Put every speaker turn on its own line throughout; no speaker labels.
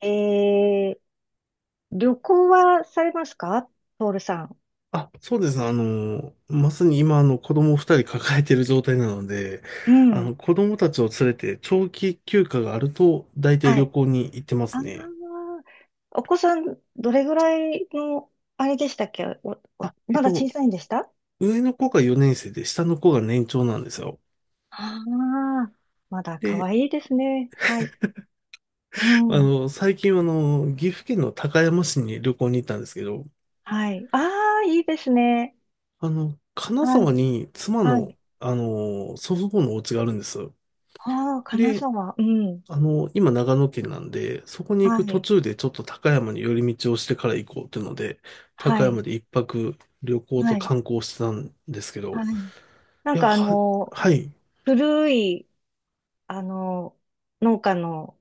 えー、旅行はされますか？ポールさん。
そうです。まさに今、子供二人抱えている状態なので、
うん。
子供たちを連れて長期休暇があると、大体
は
旅
い。
行に行ってま
あ
すね。
あ、お子さん、どれぐらいの、あれでしたっけ？
あ、え
ま
っ
だ小
と、
さいんでした？
上の子が4年生で、下の子が年長なんですよ。
ああー、まだ可
で、
愛いですね。はい。う
あ
ん。
の、最近、岐阜県の高山市に旅行に行ったんですけど、
はい。ああ、いいですね。
金
は
沢
い。
に妻
はい。
の、祖父母のお家があるんです。
ああ、金
で、
沢。うん。
あの、今長野県なんで、そこに行
は
く途
い。
中でちょっと高山に寄り道をしてから行こうっていうので、
は
高
い。
山で一泊旅行と
はい。
観光してたんですけ
は
ど、
い。なん
いや、
か
は、はい。
古い、あの、農家の、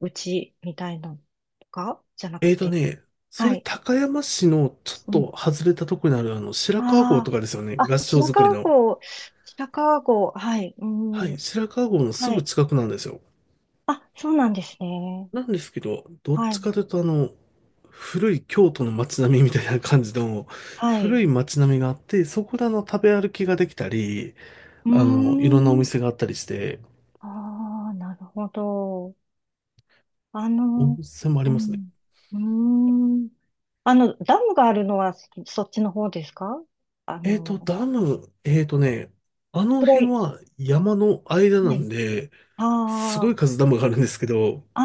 うちみたいなのとかじゃなく
えーと
て。
ね、そ
は
れ
い。
高山市のちょっ
うん。
と外れたとこにあるあの白川郷と
あ
かですよね。
あ。あ、
合掌
白
造り
川
の。
郷、白川郷、はい。う
は
ん。
い。白川郷のす
は
ぐ
い。
近くなんですよ。
あ、そうなんですね。
なんですけど、どっ
は
ち
い。
かというとあの、古い京都の街並みみたいな感じの、
はい。
古い街並みがあって、そこであの食べ歩きができたり、
うー
いろんなお
ん。
店があったりして、
ああ、なるほど。あ
温
の、
泉もあ
う
りますね。
ん。うーん。ダムがあるのはそっちの方ですか？あ
えっ
の、
と、ダム、えっとね、あの
黒
辺
い。
は山の間な
はい。
んで、すごい
あ
数ダムがあるんですけど、
あ、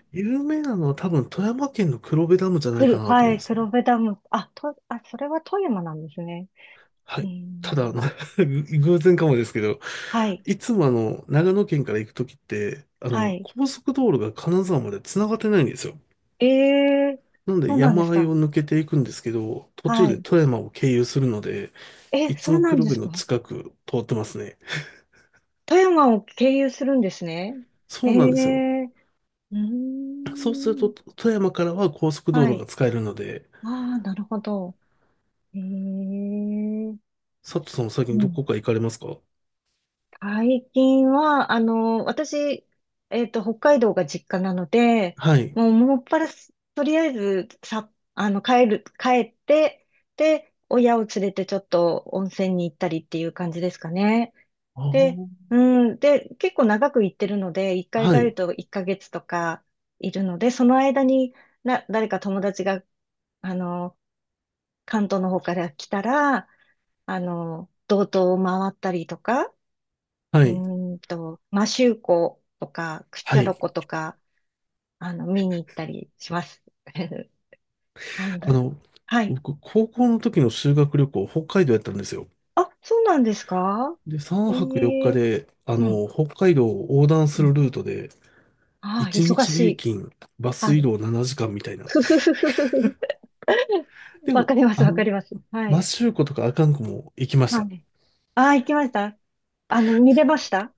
ああ。
有名なのは多分富山県の黒部ダムじゃないかなと
は
思うんで
い、
すよ
黒
ね。
部ダム。それは富山なんですね。
は
うー
い。ただ、あの
ん。
偶然かもですけど、
はい、
いつもあの、長野県から行くときって、
はい。
高速道路が金沢まで繋がってないんですよ。
ええ、
なん
そ
で
うなんで
山
す
あい
か？
を抜けていくんですけど、途中
は
で
い。
富山を経由するので、
え、
いつ
そう
も
なん
黒
で
部
す
の
か？
近く通ってますね。
富山を経由するんですね。え
そうなんですよ。
え、うー
そうすると、
ん。
富山からは高速道
は
路が
い。
使えるので、
ああ、なるほど。ええ、
佐藤さんも先に
う
ど
ん。
こか行かれますか？
最近は、私、北海道が実家なので、
はい。
もう、もっぱらす、とりあえず、さ、帰って、で、親を連れてちょっと温泉に行ったりっていう感じですかね。
あ
で、
ー、
うん、で、結構長く行ってるので、一回
は
帰る
い。
と1ヶ月とかいるので、その間に、誰か友達が、あの、関東の方から来たら、道東を回ったりとか、
は
う
い。
マシュ周コとか、クシ
は
ャロ
い。
コとか、見に行ったりします。あの、
あの、
はい。
僕、高校の時の修学旅行、北海道やったんですよ。
あ、そうなんですか？
で、3
え
泊4日
え、
で、
うん、
北海道を横断
う
する
ん。
ルートで、
ああ、
1
忙
日
し
平
い。
均、バ
は
ス移
い。
動7時間みたいな。
ふふふふふふ。
で
わ
も、
かります、
あ
わか
の、
ります。は
摩
い。
周湖とか阿寒湖も行きまし
は
た。
い。ああ、行きました。見れました？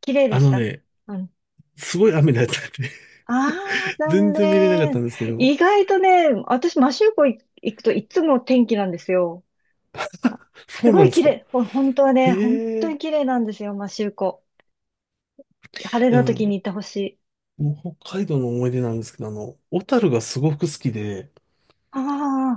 綺麗で
あ
し
の
た？
ね、
うん。
すごい雨だったんで
ああ、残
全然見れなかった
念。
んですけど、
意外とね、私、マシューコ行くといつも天気なんですよ。あ、
そ
す
う
ご
なん
い
で
綺
すか？
麗。本当はね、本
へ
当
え。
に綺麗なんですよ、摩周湖。晴れ
いや
の時に行ってほしい。
もう北海道の思い出なんですけど、小樽がすごく好きで、
あ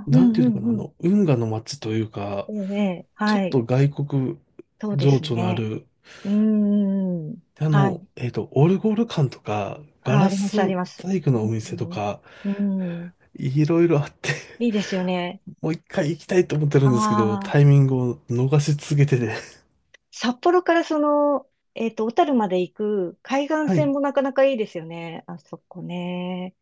あ、う
なん
ん
てい
う
うのか
ん
な、
うん。
運河の街というか、
ええ、ね、
ちょ
は
っ
い。
と外国
そうで
情
す
緒のあ
ね。
る、
うーん。はい。
オルゴール館とか、ガ
あー、あ
ラ
ります、あり
ス
ます。
細工のお
う
店と
ん。
か、
うん。
いろいろあって、
いいですよね。
もう一回行きたいと思ってるんですけど、
あ
タイ
あ、
ミングを逃し続けてて。
札幌からその、小樽まで行く海岸
は
線
い。
もなかなかいいですよね。あそこね。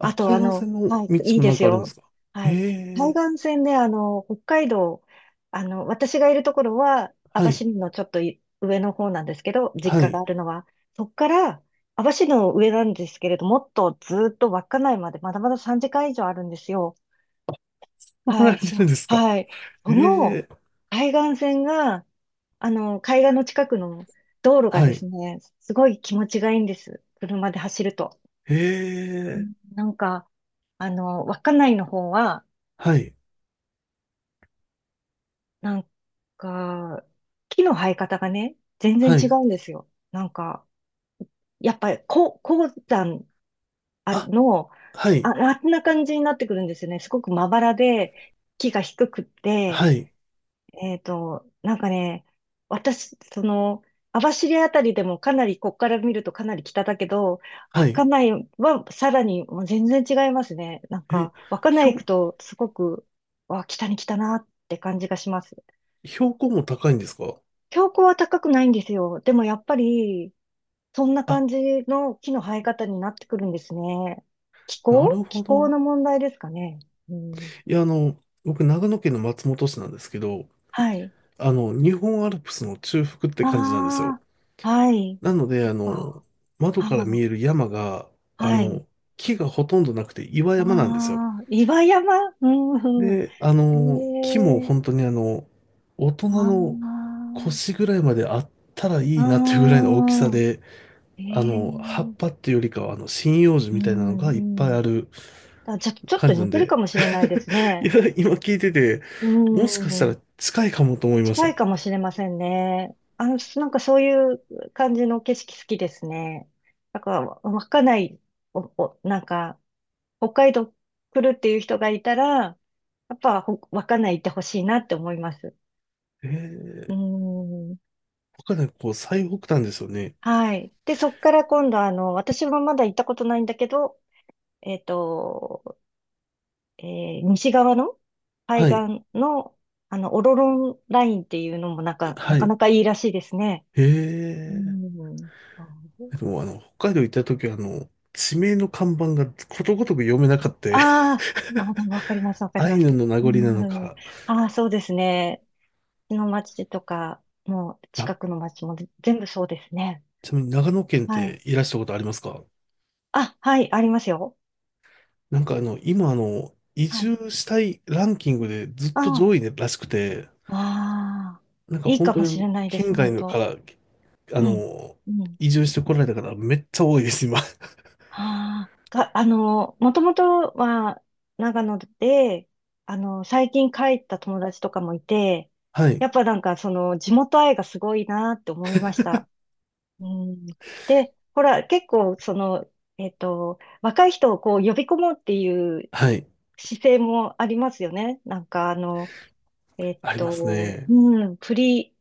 あと、
海岸線
は
の
い、
道
いい
も
で
なん
す
かあるんで
よ。
すか？
は
へ
い。海
え。
岸線で、北海道、私がいるところは、網
は
走
い。
のちょっとい上の方なんですけど、実
は
家があ
い。
るのは、そこから、網走の上なんですけれど、もっとずーっと稚内まで、まだまだ3時間以上あるんですよ。は
離
い、
れて
そ
るん
う、
ですか？
はい。その
ええ、
海岸線が、海岸の近くの道路が
は
で
い。
すね、すごい気持ちがいいんです。車で走ると。う
え
ん、
え、
なんか、稚内の方は、
はい。
なんか、木の生え方がね、全然
は
違
い。
うんですよ。なんか、やっぱり、こう、鉱山、あ
あ、
の、
はい。
あんな感じになってくるんですよね。すごくまばらで、木が低くって、
はい。
なんかね、私、網走あたりでもかなり、こっから見るとかなり北だけど、
は
稚
い。
内はさらにもう全然違いますね。なん
え、
か、稚内行
標、
くとすごく、わ、北に来たなって感じがします。
標高も高いんですか？
標高は高くないんですよ。でもやっぱり、そんな
あ、
感じの木の生え方になってくるんですね。気
なる
候気
ほ
候
ど。
の問題ですかね。うん、
いや、あの、僕、長野県の松本市なんですけど、
はい。
日本アルプスの中腹って
あ
感じなんですよ。
あ、はい。
なので、
あ、
窓
あ
から見
ー、
える山が、あ
はい。
の、木がほとんどなくて岩
あ
山なんですよ。
あ、岩山。うんう
で、あの、木も
ん。ええ、
本当にあの、大人の
あ
腰ぐらいまであったら
あ、
いいなっていうぐらいの大きさ
ああ、
で、
え
葉っ
え、
ぱっていうよりかは、針葉樹
う
みたいなのがいっ
ん、
ぱ
う
いあ
ん。
る
あ、ちょ、ちょっ
感
と
じな
似
ん
てるか
で、
もしれないです
い
ね。
や、今聞いてて、
う
もしかした
ん、
ら近いかもと思いまし
近
た。
いかもしれませんね。なんかそういう感じの景色好きですね。なんか、稚内、なんか、北海道来るっていう人がいたら、やっぱ、稚内行ってほしいなって思います。
え
う
ー、
ん。
他ね、こう、最北端ですよね。
はい。で、そっから今度、私もまだ行ったことないんだけど、えっと、え西側の海
はい、
岸の、オロロンラインっていうのもなんか、な
は
か
い。
なかいいらしいですね。
え
うん。そう、
ー、でもあの、北海道行った時は、地名の看板がことごとく読めなかった。
ああ、あー、でもわかります、わ かり
アイ
ま
ヌ
す。
の名
う
残なの
ん、
か、
ああ、そうですね。うちの町とか、もう近く
あ、
の町も全部そうですね。
ちなみに長野県っ
はい。
ていらしたことありますか？
あ、はい、ありますよ。
なんかあの、今あの、移
はい。
住したいランキングでずっと
あ
上位らしくて、
あ、わあ、
なんか
いい
本
か
当
も
にあ
し
の
れないで
県
す、本
外のか
当。
ら、あ
うん。
の、
うん。
移住してこられた方めっちゃ多いです、今。
ああ、が、あの、もともとは長野で、最近帰った友達とかもいて、
はい。
やっぱなんかその地元愛がすごいなって思いました。うん。で、ほら、結構若い人をこう呼び込もうっていう
はい。
姿勢もありますよね。
ありますね。
うん、フリ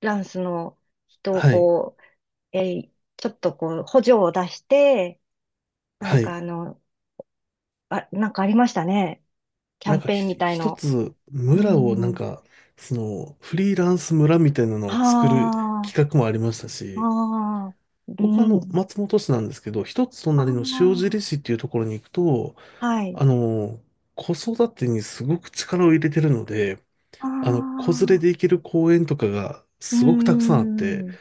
ーランスの人を
はい。
こう、ちょっとこう補助を出して、な
は
んか
い。
あの、なんかありましたね。キャ
なん
ン
か
ペーンみ
ひ
たい
一
の。
つ
う
村をなん
ん。
か、その、フリーランス村みたいなのを作る
あ
企画もありました
あ、
し、
ああ、う
僕はあの、
ん。
松本市なんですけど、一つ隣の塩
あ
尻市っていうところに行くと、
あ、はい。
あの、子育てにすごく力を入れてるので、
あ
子連れ
あ、
で行ける公園とかが
うー
すごくたくさんあって、
ん。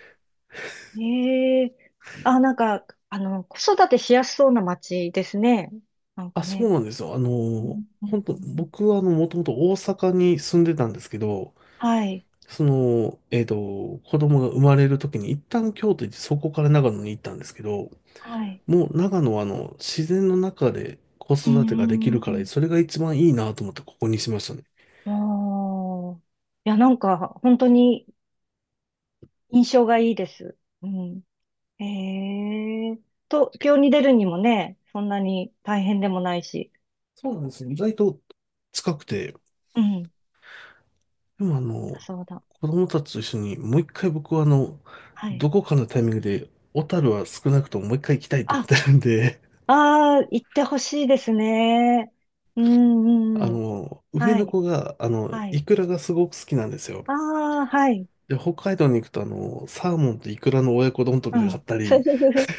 ええ、あ、なんか、子育てしやすそうな街ですね。なん
あ、
か
そ
ね。
うなんですよ。あ
うん
の、
う
本当
ん、
僕はあの、もともと大阪に住んでたんですけど、
はい、
子供が生まれる時に一旦京都行って、そこから長野に行ったんですけど、
はい。
もう長野はあの、自然の中で子
う
育てができ
ー
るから、
ん。
それが一番いいなと思ってここにしましたね。
ああ。いや、なんか、本当に印象がいいです。うん。ええ、東京に出るにもね、そんなに大変でもないし。
そうなんですよ。意外と近くて、
うん。
でもあ
あ、
の、
そうだ。
子供たちと一緒にもう一回僕はあの、
はい。
どこかのタイミングで、小樽は少なくとももう一回行きたいと思っ
あ、
てるんで、
ああ、行ってほしいですね。う
あ
ん、うん。
の、上
は
の
い、
子が、
はい。
イクラがすごく好きなんですよ。
ああ、はい。
で、北海道に行くとあの、サーモンとイクラの親子丼と
う
か買っ
ん。
たり、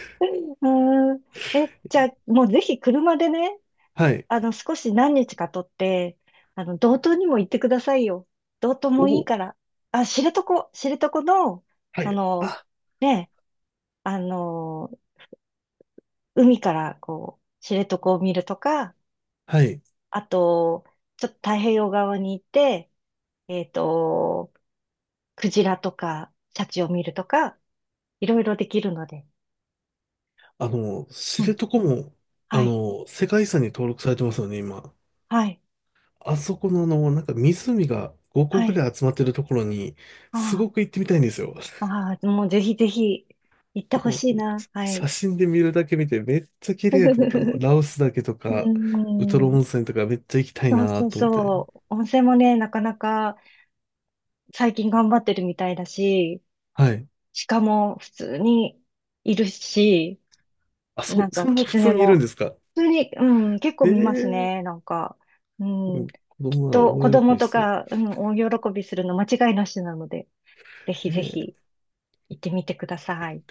うん。え、じゃあ、もうぜひ車でね、
はい。
少し何日か取って、道東にも行ってくださいよ。道東もいい
お、
から。あ、知床、知床の、
は
あ
い。
の、
あ、
ね、あの、海からこう、知床を見るとか、
はい。
あと、ちょっと太平洋側に行って、えっと、クジラとか、シャチを見るとか、いろいろできるので。
知
うん。
床も、
はい。
世界遺産に登録されてますよね、今。
はい。
あそこのあの、なんか湖が5個
は
ぐ
い。
らい集まってるところに、す
あ
ごく行ってみたいんですよ。
あ、ああ、もうぜひぜひ行ってほ
も
しい
う
な。は
写
い。
真で見るだけ見てめっちゃ綺麗と思ったあの。ラオスだけと
う
か、ウト
ー
ロ
ん。
温泉とかめっちゃ行きたい
そう
な
そう
と思って。
そう。温泉もね、なかなか最近頑張ってるみたいだし、
はい。
鹿も普通にいるし、なん
そ
か
んな普
狐
通にいるん
も
ですか？
普通に、うん、結構
ええ
見ますね。
ー、
なんか、う
う
ん、
ん子
きっ
供なら
と子
大喜
供
びし
と
そう。
か、うん、大喜びするの間違いなしなので、ぜひぜ
え
ひ
え
行ってみてください。